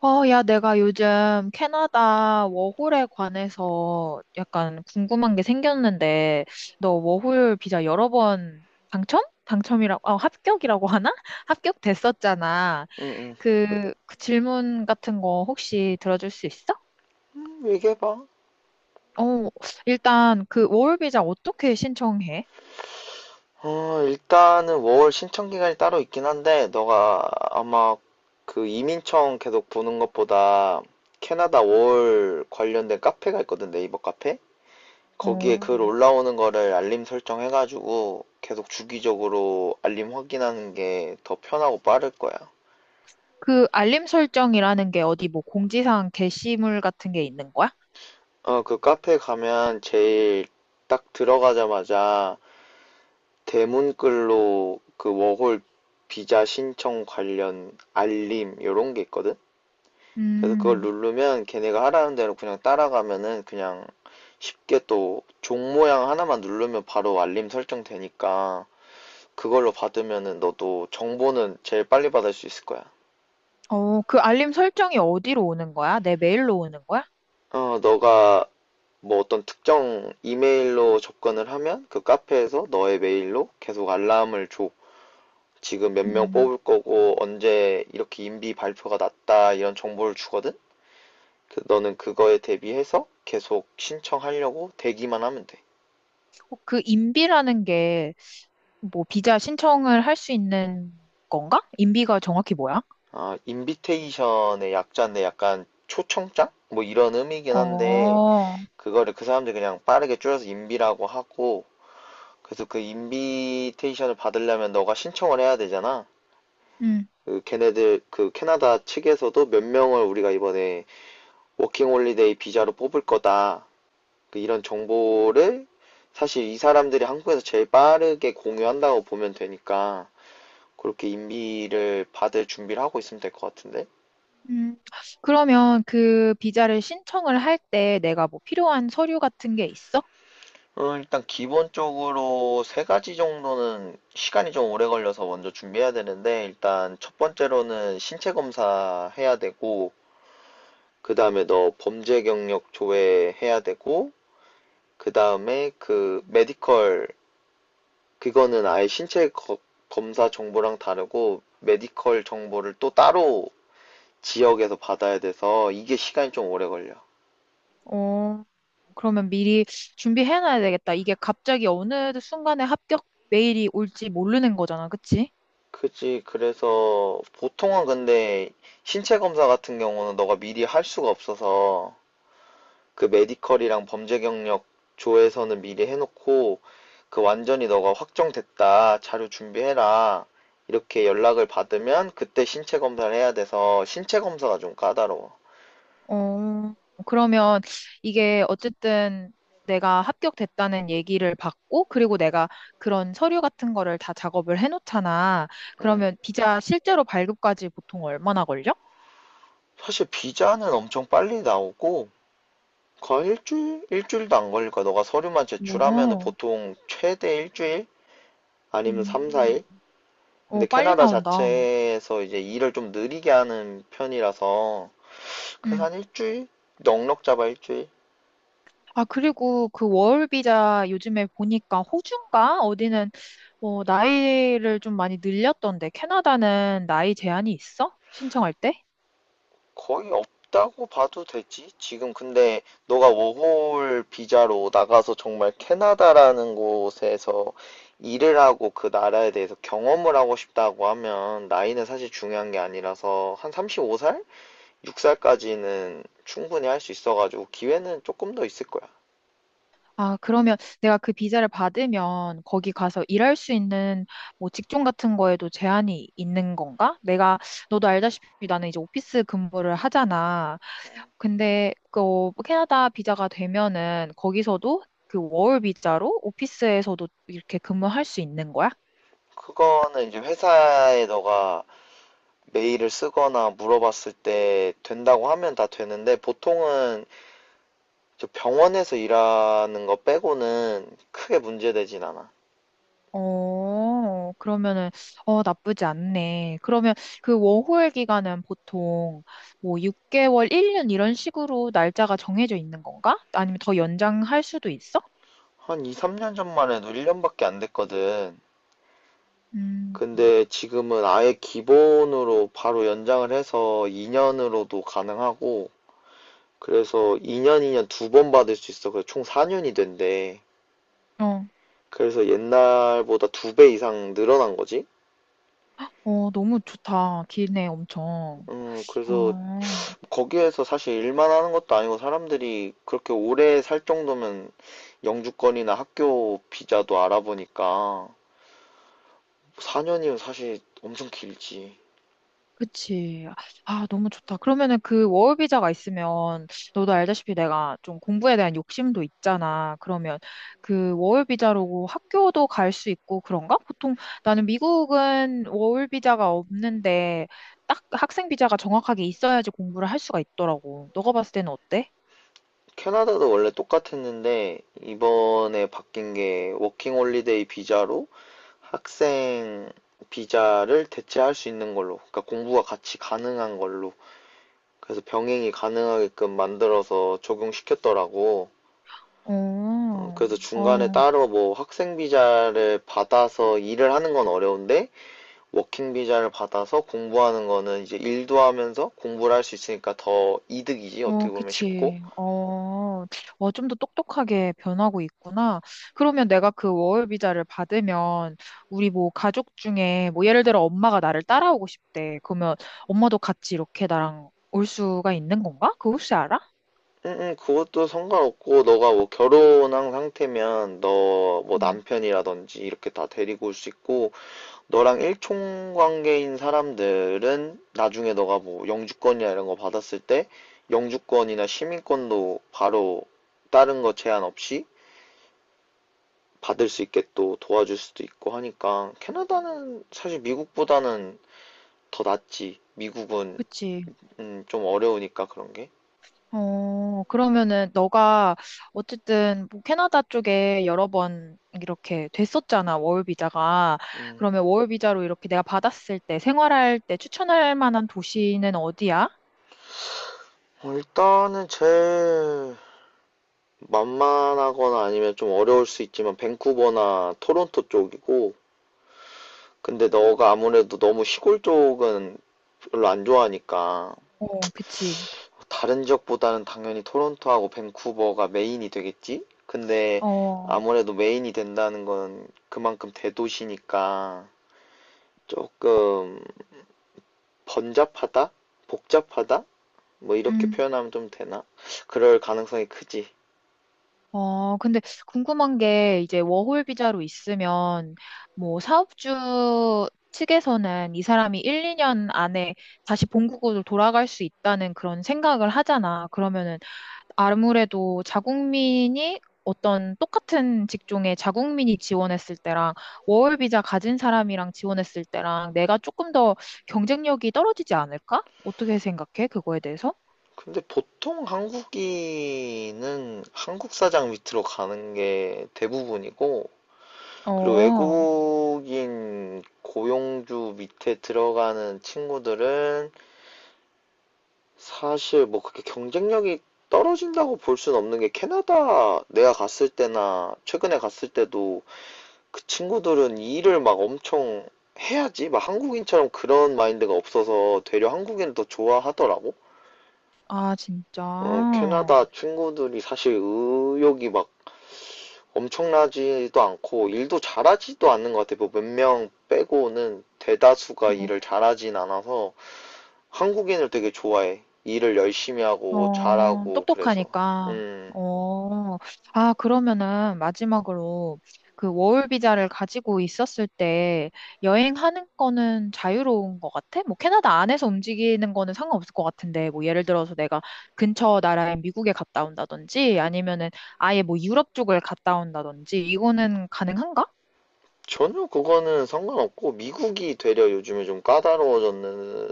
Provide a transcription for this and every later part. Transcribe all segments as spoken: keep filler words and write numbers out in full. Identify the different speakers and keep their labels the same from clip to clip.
Speaker 1: 어, 야, 내가 요즘 캐나다 워홀에 관해서 약간 궁금한 게 생겼는데, 너 워홀 비자 여러 번 당첨? 당첨이라고, 어, 합격이라고 하나? 합격됐었잖아.
Speaker 2: 응, 응.
Speaker 1: 그, 그 질문 같은 거 혹시 들어줄 수 있어?
Speaker 2: 음, 얘기해봐.
Speaker 1: 어, 일단 그 워홀 비자 어떻게 신청해?
Speaker 2: 어, 일단은 월 신청 기간이 따로 있긴 한데, 너가 아마 그 이민청 계속 보는 것보다 캐나다 월 관련된 카페가 있거든, 네이버 카페? 거기에 글
Speaker 1: 어,
Speaker 2: 올라오는 거를 알림 설정해가지고 계속 주기적으로 알림 확인하는 게 더 편하고 빠를 거야.
Speaker 1: 그 알림 설정이라는 게 어디 뭐 공지사항 게시물 같은 게 있는 거야?
Speaker 2: 어, 그 카페 가면 제일 딱 들어가자마자 대문글로 그 워홀 비자 신청 관련 알림 요런 게 있거든. 그래서 그걸
Speaker 1: 음.
Speaker 2: 누르면 걔네가 하라는 대로 그냥 따라가면은 그냥 쉽게 또 종 모양 하나만 누르면 바로 알림 설정 되니까 그걸로 받으면은 너도 정보는 제일 빨리 받을 수 있을 거야.
Speaker 1: 어, 그 알림 설정이 어디로 오는 거야? 내 메일로 오는 거야?
Speaker 2: 어, 너가 뭐 어떤 특정 이메일로 접근을 하면 그 카페에서 너의 메일로 계속 알람을 줘. 지금 몇 명
Speaker 1: 음.
Speaker 2: 뽑을 거고 언제 이렇게 인비 발표가 났다 이런 정보를 주거든? 그- 너는 그거에 대비해서 계속 신청하려고 대기만 하면 돼.
Speaker 1: 어, 그 인비라는 게 뭐 비자 신청을 할 수 있는 건가? 인비가 정확히 뭐야?
Speaker 2: 아, 인비테이션의 약자인데 약간 초청장? 뭐 이런 의미긴 한데
Speaker 1: 어.
Speaker 2: 그거를 그 사람들이 그냥 빠르게 줄여서 인비라고 하고 그래서 그 인비테이션을 받으려면 너가 신청을 해야 되잖아.
Speaker 1: 음.
Speaker 2: 그 걔네들 그 캐나다 측에서도 몇 명을 우리가 이번에 워킹 홀리데이 비자로 뽑을 거다. 그 이런 정보를 사실 이 사람들이 한국에서 제일 빠르게 공유한다고 보면 되니까 그렇게 인비를 받을 준비를 하고 있으면 될 것 같은데.
Speaker 1: 음. 그러면 그 비자를 신청을 할 때 내가 뭐 필요한 서류 같은 게 있어?
Speaker 2: 어, 일단 기본적으로 세 가지 정도는 시간이 좀 오래 걸려서 먼저 준비해야 되는데 일단 첫 번째로는 신체 검사 해야 되고 그 다음에 너 범죄 경력 조회 해야 되고 그 다음에 그 메디컬, 그거는 아예 신체 거- 검사 정보랑 다르고 메디컬 정보를 또 따로 지역에서 받아야 돼서 이게 시간이 좀 오래 걸려.
Speaker 1: 어, 그러면 미리 준비해놔야 되겠다. 이게 갑자기 어느 순간에 합격 메일이 올지 모르는 거잖아, 그치?
Speaker 2: 그치. 그래서 보통은 근데 신체 검사 같은 경우는 너가 미리 할 수가 없어서 그 메디컬이랑 범죄 경력 조에서는 미리 해놓고 그 완전히 너가 확정됐다. 자료 준비해라. 이렇게 연락을 받으면 그때 신체 검사를 해야 돼서 신체 검사가 좀 까다로워.
Speaker 1: 어, 그러면 이게 어쨌든 내가 합격됐다는 얘기를 받고, 그리고 내가 그런 서류 같은 거를 다 작업을 해놓잖아.
Speaker 2: 음.
Speaker 1: 그러면 비자 실제로 발급까지 보통 얼마나 걸려?
Speaker 2: 사실 비자는 엄청 빨리 나오고 거의 일주일? 일주일도 안 걸릴 거야. 너가 서류만 제출하면은
Speaker 1: 오.
Speaker 2: 보통 최대 일주일? 아니면 삼,
Speaker 1: 음.
Speaker 2: 사 일?
Speaker 1: 어,
Speaker 2: 근데
Speaker 1: 빨리
Speaker 2: 캐나다
Speaker 1: 나온다.
Speaker 2: 자체에서 이제 일을 좀 느리게 하는 편이라서 그래서
Speaker 1: 음.
Speaker 2: 한 일주일? 넉넉 잡아 일주일?
Speaker 1: 아, 그리고 그 워홀 비자 요즘에 보니까 호주인가? 어디는, 어, 나이를 좀 많이 늘렸던데, 캐나다는 나이 제한이 있어? 신청할 때?
Speaker 2: 거의 없다고 봐도 되지. 지금 근데 너가 워홀 비자로 나가서 정말 캐나다라는 곳에서 일을 하고 그 나라에 대해서 경험을 하고 싶다고 하면 나이는 사실 중요한 게 아니라서 한 서른다섯 살? 여섯 살까지는 충분히 할 수 있어가지고 기회는 조금 더 있을 거야.
Speaker 1: 아, 그러면 내가 그 비자를 받으면 거기 가서 일할 수 있는 뭐 직종 같은 거에도 제한이 있는 건가? 내가, 너도 알다시피 나는 이제 오피스 근무를 하잖아. 근데 그 어, 캐나다 비자가 되면은 거기서도 그 워홀 비자로 오피스에서도 이렇게 근무할 수 있는 거야?
Speaker 2: 그거는 이제 회사에 너가 메일을 쓰거나 물어봤을 때 된다고 하면 다 되는데 보통은 저 병원에서 일하는 거 빼고는 크게 문제되진 않아.
Speaker 1: 어, 그러면은, 어, 나쁘지 않네. 그러면 그 워홀 기간은 보통 뭐 육 개월, 일 년 이런 식으로 날짜가 정해져 있는 건가? 아니면 더 연장할 수도 있어?
Speaker 2: 한 이, 삼 년 전만 해도 일 년밖에 안 됐거든.
Speaker 1: 음.
Speaker 2: 근데 지금은 아예 기본으로 바로 연장을 해서 이 년으로도 가능하고, 그래서 이 년, 이 년 두 번 받을 수 있어. 그래서 총 사 년이 된대.
Speaker 1: 어,
Speaker 2: 그래서 옛날보다 두 배 이상 늘어난 거지?
Speaker 1: 어, 너무 좋다. 기네, 엄청.
Speaker 2: 음, 그래서
Speaker 1: 아.
Speaker 2: 거기에서 사실 일만 하는 것도 아니고 사람들이 그렇게 오래 살 정도면 영주권이나 학교 비자도 알아보니까 사 년이면 사실 엄청 길지.
Speaker 1: 그치. 아, 너무 좋다. 그러면은 그 워비자가 있으면, 너도 알다시피 내가 좀 공부에 대한 욕심도 있잖아. 그러면 그 워비자로 학교도 갈 수 있고 그런가? 보통 나는 미국은 워비자가 없는데, 딱 학생 비자가 정확하게 있어야지 공부를 할 수가 있더라고. 너가 봤을 때는 어때?
Speaker 2: 캐나다도 원래 똑같았는데 이번에 바뀐 게 워킹 홀리데이 비자로 학생 비자를 대체할 수 있는 걸로, 그러니까 공부가 같이 가능한 걸로. 그래서 병행이 가능하게끔 만들어서 적용시켰더라고.
Speaker 1: 어.
Speaker 2: 어, 그래서 중간에
Speaker 1: 어.
Speaker 2: 따로 뭐 학생 비자를 받아서 일을 하는 건 어려운데 워킹 비자를 받아서 공부하는 거는 이제 일도 하면서 공부를 할 수 있으니까 더 이득이지.
Speaker 1: 어,
Speaker 2: 어떻게 보면 쉽고.
Speaker 1: 그치. 어, 어, 좀 더 똑똑하게 변하고 있구나. 그러면 내가 그 워홀 비자를 받으면 우리 뭐 가족 중에 뭐 예를 들어 엄마가 나를 따라오고 싶대. 그러면 엄마도 같이 이렇게 나랑 올 수가 있는 건가? 그거 혹시 알아?
Speaker 2: 응응 그것도 상관없고 너가 뭐 결혼한 상태면 너 뭐
Speaker 1: 음.
Speaker 2: 남편이라든지 이렇게 다 데리고 올 수 있고 너랑 일총 관계인 사람들은 나중에 너가 뭐 영주권이나 이런 거 받았을 때 영주권이나 시민권도 바로 다른 거 제한 없이 받을 수 있게 또 도와줄 수도 있고 하니까 캐나다는 사실 미국보다는 더 낫지. 미국은
Speaker 1: 그치.
Speaker 2: 음, 좀 어려우니까 그런 게.
Speaker 1: 어, 그러면은 너가 어쨌든 뭐 캐나다 쪽에 여러 번 이렇게 됐었잖아, 워홀 비자가.
Speaker 2: 음,
Speaker 1: 그러면 워홀 비자로 이렇게 내가 받았을 때 생활할 때 추천할 만한 도시는 어디야?
Speaker 2: 어, 일단은 제 만만하거나 아니면 좀 어려울 수 있지만 밴쿠버나 토론토 쪽이고 근데 너가 아무래도 너무 시골 쪽은 별로 안 좋아하니까
Speaker 1: 어, 그치.
Speaker 2: 다른 지역보다는 당연히 토론토하고 밴쿠버가 메인이 되겠지? 근데
Speaker 1: 어.
Speaker 2: 아무래도 메인이 된다는 건 그만큼 대도시니까 조금 번잡하다? 복잡하다? 뭐 이렇게
Speaker 1: 음.
Speaker 2: 표현하면 좀 되나? 그럴 가능성이 크지.
Speaker 1: 어, 근데 궁금한 게 이제 워홀 비자로 있으면 뭐 사업주 측에서는 이 사람이 일, 이 년 안에 다시 본국으로 돌아갈 수 있다는 그런 생각을 하잖아. 그러면은 아무래도 자국민이 어떤 똑같은 직종에 자국민이 지원했을 때랑 워홀 비자 가진 사람이랑 지원했을 때랑 내가 조금 더 경쟁력이 떨어지지 않을까? 어떻게 생각해? 그거에 대해서?
Speaker 2: 근데 보통 한국인은 한국 사장 밑으로 가는 게 대부분이고, 그리고
Speaker 1: 어.
Speaker 2: 외국인 고용주 밑에 들어가는 친구들은 사실 뭐 그렇게 경쟁력이 떨어진다고 볼 수는 없는 게 캐나다 내가 갔을 때나 최근에 갔을 때도 그 친구들은 일을 막 엄청 해야지. 막 한국인처럼 그런 마인드가 없어서 되려 한국인을 더 좋아하더라고.
Speaker 1: 아,
Speaker 2: 어,
Speaker 1: 진짜.
Speaker 2: 캐나다 친구들이 사실 의욕이 막 엄청나지도 않고 일도 잘하지도 않는 것 같아요. 뭐 몇 명 빼고는 대다수가 일을 잘하진 않아서 한국인을 되게 좋아해. 일을 열심히 하고
Speaker 1: 어,
Speaker 2: 잘하고 그래서.
Speaker 1: 똑똑하니까.
Speaker 2: 음,
Speaker 1: 어. 아, 그러면은 마지막으로 그 워홀 비자를 가지고 있었을 때 여행하는 거는 자유로운 것 같아? 뭐 캐나다 안에서 움직이는 거는 상관없을 것 같은데, 뭐 예를 들어서 내가 근처 나라인 미국에 갔다 온다든지 아니면은 아예 뭐 유럽 쪽을 갔다 온다든지 이거는 가능한가?
Speaker 2: 전혀 그거는 상관없고 미국이 되려 요즘에 좀 까다로워졌는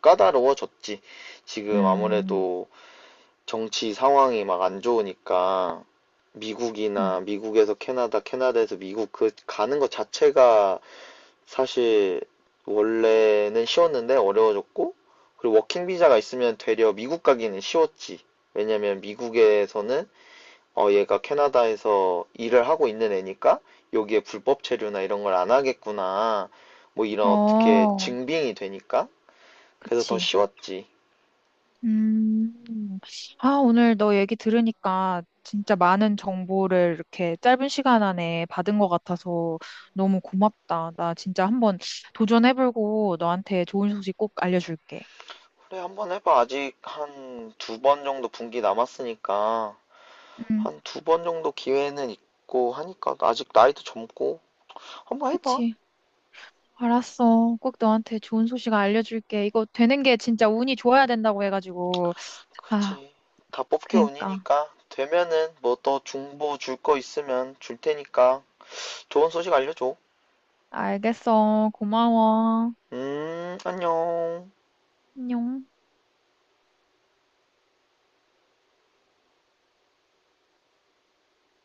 Speaker 2: 까다로워졌지. 지금
Speaker 1: 음.
Speaker 2: 아무래도 정치 상황이 막 안 좋으니까
Speaker 1: 음.
Speaker 2: 미국이나 미국에서 캐나다, 캐나다에서 미국 그 가는 것 자체가 사실 원래는 쉬웠는데 어려워졌고 그리고 워킹 비자가 있으면 되려 미국 가기는 쉬웠지. 왜냐면 미국에서는 어 얘가 캐나다에서 일을 하고 있는 애니까 여기에 불법 체류나 이런 걸 안 하겠구나. 뭐 이런 어떻게
Speaker 1: 어,
Speaker 2: 증빙이 되니까. 그래서 더
Speaker 1: 그치.
Speaker 2: 쉬웠지.
Speaker 1: 음, 아, 오늘 너 얘기 들으니까 진짜 많은 정보를 이렇게 짧은 시간 안에 받은 것 같아서 너무 고맙다. 나 진짜 한번 도전해보고 너한테 좋은 소식 꼭 알려줄게.
Speaker 2: 그래, 한번 해봐. 아직 한 두 번 정도 분기 남았으니까
Speaker 1: 음.
Speaker 2: 한 두 번 정도 기회는 있고 하니까 아직 나이도 젊고 한번 해봐.
Speaker 1: 그치. 알았어. 꼭 너한테 좋은 소식 알려줄게. 이거 되는 게 진짜 운이 좋아야 된다고 해가지고. 아,
Speaker 2: 그치. 다 뽑기
Speaker 1: 그러니까.
Speaker 2: 운이니까. 되면은 뭐 또 중보 줄 거 있으면 줄 테니까. 좋은 소식 알려줘.
Speaker 1: 알겠어. 고마워.
Speaker 2: 음, 안녕.
Speaker 1: 안녕.